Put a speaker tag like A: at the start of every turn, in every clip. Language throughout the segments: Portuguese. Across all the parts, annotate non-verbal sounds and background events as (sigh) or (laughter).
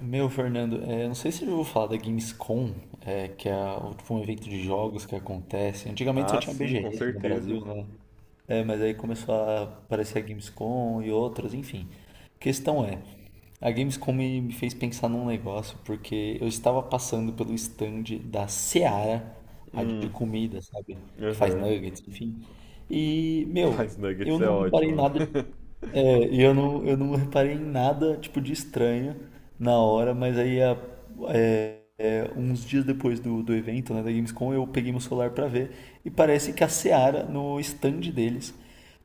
A: Meu, Fernando, é, não sei se você já falar da Gamescom, é, que é tipo, um evento de jogos que acontece. Antigamente só
B: Ah,
A: tinha
B: sim, com
A: BGS no
B: certeza.
A: Brasil, né? É, mas aí começou a aparecer a Gamescom e outras, enfim. Questão é, a Gamescom me fez pensar num negócio, porque eu estava passando pelo stand da Seara, a de
B: Hum,
A: comida, sabe? Que faz
B: aham.
A: nuggets, enfim. E, meu,
B: Mas nuggets
A: eu
B: é
A: não reparei
B: ótimo, né?
A: nada, e eu não reparei em nada, tipo, de estranho na hora, mas aí, uns dias depois do evento, né, da Gamescom, eu peguei meu celular pra ver e parece que a Seara, no stand deles,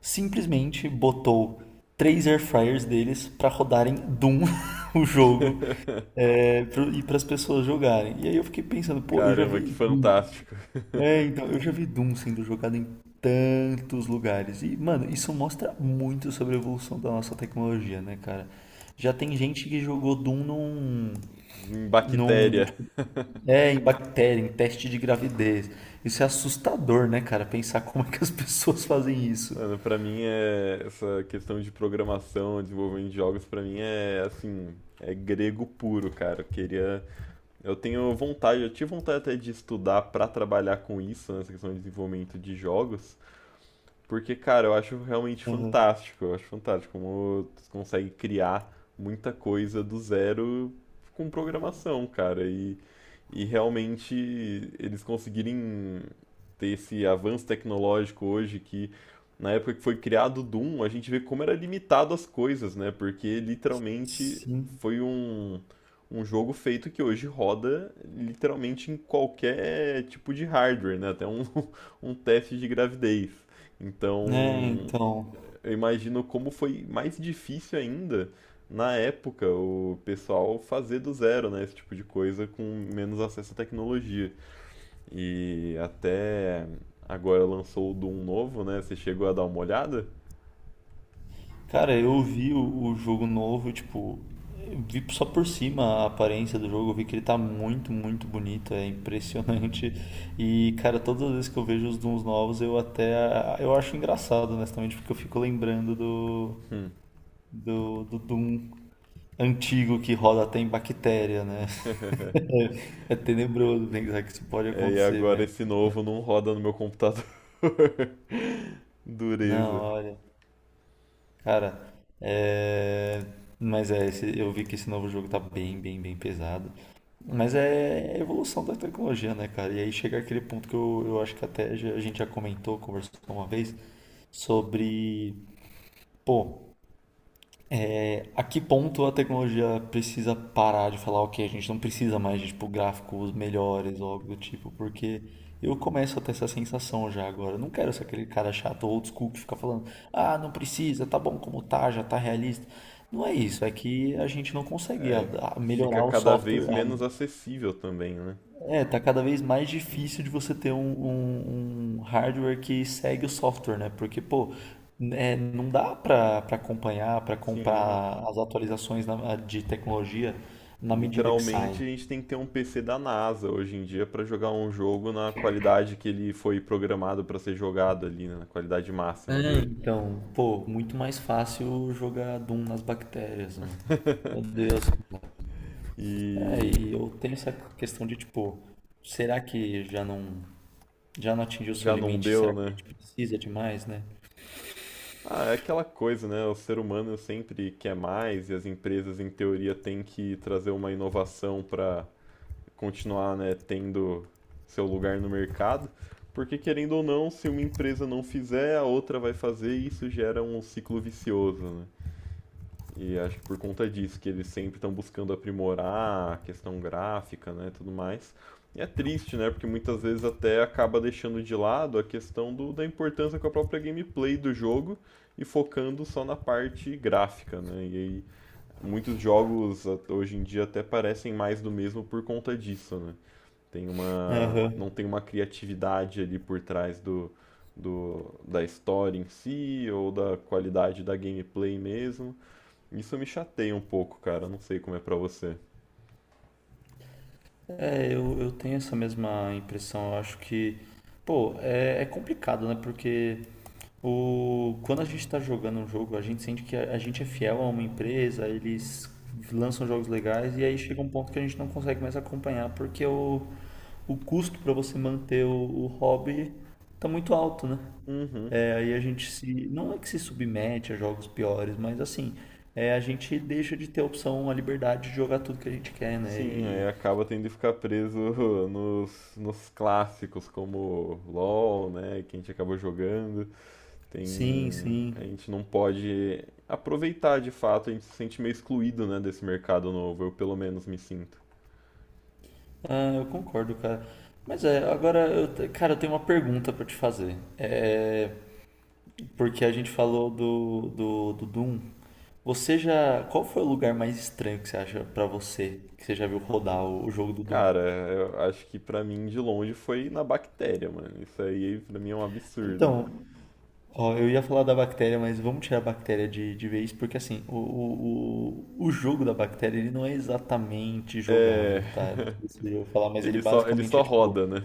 A: simplesmente botou três air fryers deles pra rodarem Doom, (laughs) o jogo,
B: (laughs)
A: e para as pessoas jogarem. E aí eu fiquei pensando, pô, eu já
B: Caramba,
A: vi,
B: que fantástico.
A: então,
B: (laughs)
A: eu já vi Doom sendo jogado em tantos lugares. E, mano, isso mostra muito sobre a evolução da nossa tecnologia, né, cara? Já tem gente que jogou Doom
B: Em
A: num,
B: bactéria.
A: tipo, em bactéria, em teste de gravidez. Isso é assustador, né, cara? Pensar (laughs) como é que as pessoas fazem isso.
B: Mano, pra mim é essa questão de programação, desenvolvimento de jogos, pra mim é assim, é grego puro, cara. Eu tenho vontade, eu tive vontade até de estudar pra trabalhar com isso, nessa questão de desenvolvimento de jogos. Porque, cara, eu acho realmente
A: Uhum.
B: fantástico. Eu acho fantástico como tu consegue criar muita coisa do zero com programação, cara. E realmente eles conseguirem ter esse avanço tecnológico hoje que na época que foi criado o Doom, a gente vê como era limitado as coisas, né? Porque literalmente
A: Sim.
B: foi um, um jogo feito que hoje roda literalmente em qualquer tipo de hardware, né? Até um, (laughs) um teste de gravidez.
A: É,
B: Então,
A: então.
B: eu imagino como foi mais difícil ainda na época o pessoal fazer do zero, né, esse tipo de coisa com menos acesso à tecnologia. E até agora lançou o Doom novo, né? Você chegou a dar uma olhada?
A: Cara, eu vi o jogo novo, tipo, eu vi só por cima a aparência do jogo, eu vi que ele tá muito, muito bonito, é impressionante. (laughs) E, cara, todas as vezes que eu vejo os Dooms novos, eu acho engraçado, honestamente, porque eu fico lembrando do,
B: Hum.
A: do, do Doom antigo que roda até em bactéria, né? (laughs) É tenebroso pensar que isso pode
B: É, e
A: acontecer,
B: agora
A: mas.
B: esse novo não roda no meu computador. (laughs)
A: Não,
B: Dureza.
A: olha. Cara, é... mas eu vi que esse novo jogo tá bem, bem, bem pesado. Mas é a evolução da tecnologia, né, cara? E aí chega aquele ponto que eu acho que a gente já comentou, conversou uma vez, sobre, pô, a que ponto a tecnologia precisa parar de falar, ok, a gente não precisa mais de tipo, gráficos melhores ou algo do tipo, porque eu começo a ter essa sensação já agora. Eu não quero ser aquele cara chato old school que fica falando, ah, não precisa, tá bom como tá, já tá realista. Não é isso, é que a gente não consegue
B: É,
A: a
B: fica
A: melhorar o
B: cada vez
A: software,
B: menos acessível também, né?
A: é, tá cada vez mais difícil de você ter um hardware que segue o software, né? Porque, pô, não dá pra acompanhar, pra
B: Sim,
A: comprar as atualizações de tecnologia na medida que saem.
B: literalmente, a gente tem que ter um PC da NASA hoje em dia para jogar um jogo na qualidade que ele foi programado para ser jogado ali, né? Na qualidade máxima dele.
A: Então, pô, muito mais fácil jogar Doom nas bactérias, né? Meu
B: (laughs)
A: Deus. É,
B: E
A: e eu tenho essa questão de, tipo, será que já não, atingiu o seu
B: já não
A: limite?
B: deu,
A: Será que a
B: né?
A: gente precisa de mais, né?
B: Ah, é aquela coisa, né? O ser humano sempre quer mais e as empresas, em teoria, têm que trazer uma inovação para continuar, né, tendo seu lugar no mercado. Porque, querendo ou não, se uma empresa não fizer, a outra vai fazer e isso gera um ciclo vicioso, né? E acho que por conta disso, que eles sempre estão buscando aprimorar a questão gráfica, né, tudo mais. E é triste, né, porque muitas vezes até acaba deixando de lado a questão da importância com a própria gameplay do jogo e focando só na parte gráfica, né. E aí muitos jogos hoje em dia até parecem mais do mesmo por conta disso, né.
A: Aham.
B: Não tem uma criatividade ali por trás da história em si ou da qualidade da gameplay mesmo. Isso me chateia um pouco, cara. Não sei como é pra você.
A: É, eu tenho essa mesma impressão. Eu acho que, pô, é complicado, né? Porque quando a gente está jogando um jogo, a gente sente que a gente é fiel a uma empresa, eles lançam jogos legais e aí chega um ponto que a gente não consegue mais acompanhar, porque o custo para você manter o hobby tá muito alto, né?
B: Uhum.
A: É, aí a gente se. Não é que se submete a jogos piores, mas assim, a gente deixa de ter a opção, a liberdade de jogar tudo que a gente quer, né?
B: Sim,
A: E
B: aí acaba tendo que ficar preso (laughs) nos clássicos, como LoL, né? Que a gente acabou jogando. Tem.
A: sim,
B: A
A: sim.
B: gente não pode aproveitar de fato, a gente se sente meio excluído, né, desse mercado novo. Eu pelo menos me sinto.
A: Ah, eu concordo, cara. Mas é, agora cara, eu tenho uma pergunta pra te fazer. É, porque a gente falou do Doom. Você já, qual foi o lugar mais estranho que você acha pra você que você já viu rodar o jogo do Doom?
B: Cara, eu acho que pra mim de longe foi na bactéria, mano. Isso aí pra mim é um absurdo.
A: Então, ó, eu ia falar da bactéria, mas vamos tirar a bactéria de vez, porque assim, o jogo da bactéria ele não é exatamente
B: É.
A: jogável, tá? Não
B: (laughs)
A: sei se eu vou falar, mas ele
B: Ele
A: basicamente
B: só
A: é tipo.
B: roda, né?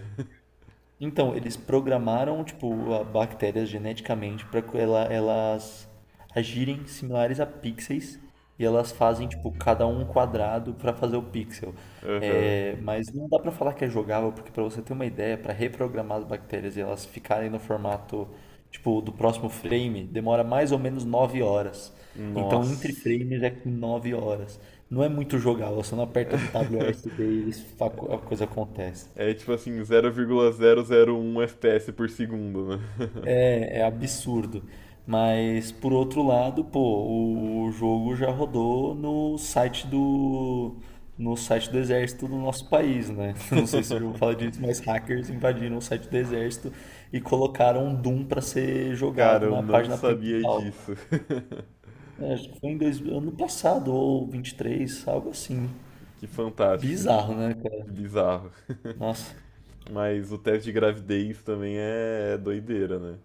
A: Então, eles programaram, tipo, a bactérias geneticamente para que elas agirem similares a pixels e elas fazem, tipo, cada um um quadrado para fazer o pixel.
B: (laughs) Aham.
A: É, mas não dá para falar que é jogável, porque para você ter uma ideia, para reprogramar as bactérias e elas ficarem no formato, tipo, do próximo frame, demora mais ou menos 9 horas. Então, entre
B: Nossa.
A: frames é 9 horas. Não é muito jogável, você não aperta W, WASD e
B: (laughs)
A: eles, a coisa acontece.
B: É tipo assim, 0,001 FPS por segundo, né?
A: É absurdo. Mas, por outro lado, pô, o jogo já rodou no site do, exército do nosso país, né? (laughs) Não sei se eu já vou
B: (laughs)
A: falar disso, mas hackers invadiram o site do exército e colocaram um Doom para ser
B: Cara,
A: jogado
B: eu
A: na
B: não
A: página
B: sabia
A: principal.
B: disso.
A: É, acho que foi em ano passado, ou 23, algo assim.
B: (laughs) Que fantástico.
A: Bizarro, né, cara?
B: Que bizarro.
A: Nossa.
B: Mas o teste de gravidez também é doideira, né?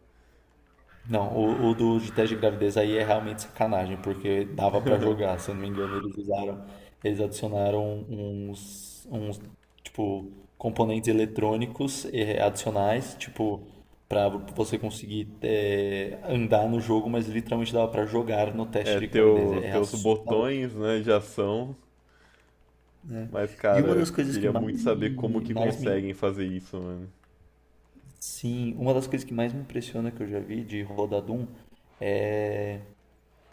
A: Não, o do de teste de gravidez aí é realmente sacanagem, porque dava pra jogar,
B: (laughs)
A: se eu não me engano, eles adicionaram uns, uns tipo, componentes eletrônicos adicionais, tipo, pra você conseguir andar no jogo, mas literalmente dava pra jogar no
B: É,
A: teste de gravidez. É é
B: teus
A: assustador,
B: botões, né, de ação.
A: né?
B: Mas,
A: E uma
B: cara,
A: das coisas que
B: queria muito
A: mais
B: saber como
A: me,
B: que conseguem fazer isso, mano.
A: sim, uma das coisas que mais me impressiona que eu já vi de Rodadum.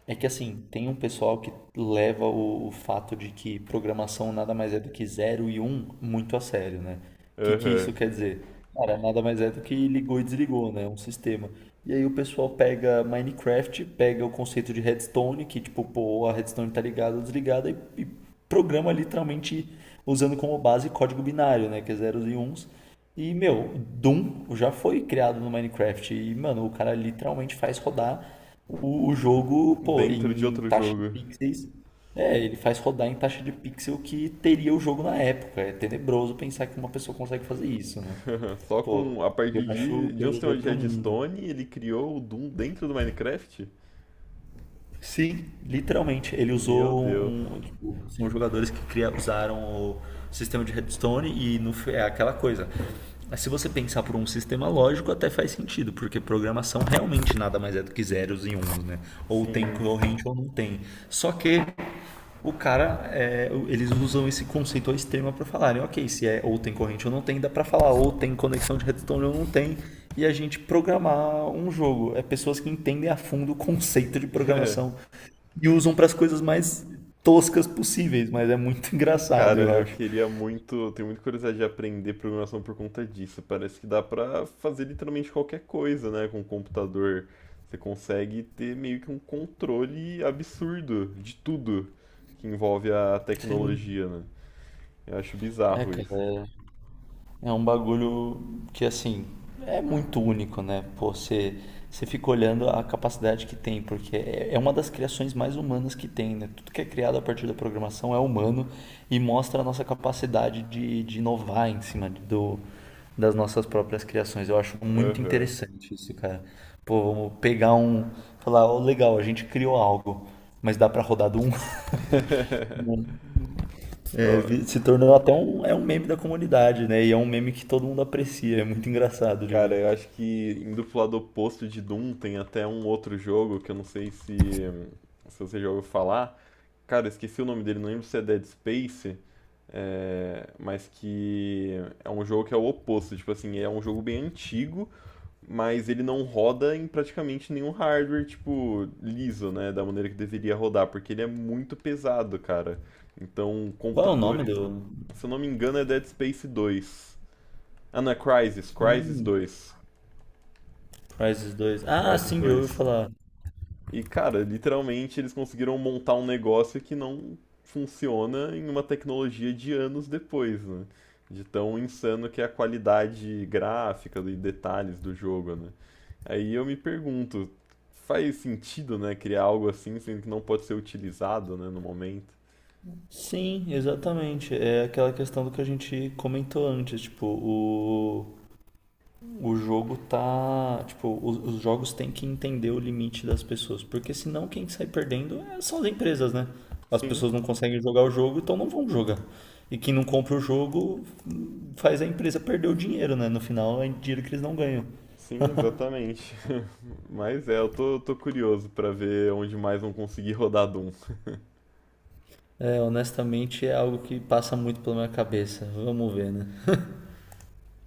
A: É que assim, tem um pessoal que leva o fato de que programação nada mais é do que zero e um muito a sério, né? O que, que
B: Aham.
A: isso quer dizer? Cara, nada mais é do que ligou e desligou, né? Um sistema. E aí o pessoal pega Minecraft, pega o conceito de redstone, que tipo, pô, a redstone tá ligada ou desligada, e programa literalmente usando como base código binário, né? Que é zeros e uns. E, meu, Doom já foi criado no Minecraft. E, mano, o cara literalmente faz rodar. O jogo, pô,
B: Dentro de
A: em
B: outro
A: taxa de
B: jogo.
A: pixels. É, ele faz rodar em taxa de pixel que teria o jogo na época. É tenebroso pensar que uma pessoa consegue fazer isso, né?
B: Aham, só
A: Pô,
B: com a
A: eu
B: partir
A: acho
B: de um
A: coisa de
B: senhor de
A: outro mundo.
B: redstone, ele criou o Doom dentro do Minecraft?
A: Sim, literalmente. Ele
B: Meu
A: usou
B: Deus.
A: um. Tipo, são jogadores que usaram o sistema de redstone e no, fi- é aquela coisa. Mas se você pensar por um sistema lógico, até faz sentido, porque programação realmente nada mais é do que zeros e uns, né? Ou tem
B: Sim.
A: corrente ou não tem. Só que o cara, eles usam esse conceito ao extremo para falarem, ok, se é ou tem corrente ou não tem, dá para falar ou tem conexão de redstone ou não tem, e a gente programar um jogo. É pessoas que entendem a fundo o conceito de programação
B: (laughs)
A: e usam para as coisas mais toscas possíveis, mas é muito (laughs) engraçado,
B: Cara,
A: eu
B: eu
A: acho.
B: queria muito, tenho muita curiosidade de aprender programação por conta disso. Parece que dá pra fazer literalmente qualquer coisa, né, com o computador. Você consegue ter meio que um controle absurdo de tudo que envolve a
A: Sim.
B: tecnologia, né? Eu acho
A: É,
B: bizarro
A: cara,
B: isso.
A: é um bagulho que, assim, é muito único, né? Pô, você fica olhando a capacidade que tem, porque é uma das criações mais humanas que tem, né? Tudo que é criado a partir da programação é humano e mostra a nossa capacidade de inovar em cima das nossas próprias criações. Eu acho muito
B: Aham.
A: interessante isso, cara. Pô, vamos pegar um. Falar, ó, legal, a gente criou algo, mas dá pra rodar do um. (laughs)
B: (laughs)
A: É,
B: Eu,
A: se tornou até um, é um meme da comunidade, né? E é um meme que todo mundo aprecia, é muito engraçado de
B: cara,
A: ver.
B: eu acho que indo pro lado oposto de Doom tem até um outro jogo que eu não sei se você já ouviu falar. Cara, eu esqueci o nome dele, não lembro se é Dead Space, é, mas que é um jogo que é o oposto. Tipo assim, é um jogo bem antigo, mas ele não roda em praticamente nenhum hardware, tipo, liso, né? Da maneira que deveria rodar, porque ele é muito pesado, cara. Então,
A: Qual é o nome
B: computadores.
A: do.
B: Se eu não me engano, é Dead Space 2. Ah, não, é Crysis, Crysis
A: Hum,
B: 2.
A: Crysis 2. Ah,
B: Crysis
A: sim, já ouvi
B: dois.
A: falar.
B: E, cara, literalmente eles conseguiram montar um negócio que não funciona em uma tecnologia de anos depois, né? De tão insano que é a qualidade gráfica e detalhes do jogo, né? Aí eu me pergunto, faz sentido, né, criar algo assim, sendo que não pode ser utilizado, né, no momento?
A: Sim, exatamente. É aquela questão do que a gente comentou antes, tipo, o jogo tá. Tipo, os jogos têm que entender o limite das pessoas. Porque senão quem sai perdendo são as empresas, né? As
B: Sim,
A: pessoas não conseguem jogar o jogo, então não vão jogar. E quem não compra o jogo, faz a empresa perder o dinheiro, né? No final é dinheiro que eles não ganham.
B: sim, exatamente. (laughs) Mas é, eu tô curioso pra ver onde mais vão conseguir (laughs) rodar Doom.
A: É, honestamente é algo que passa muito pela minha cabeça. Vamos ver, né?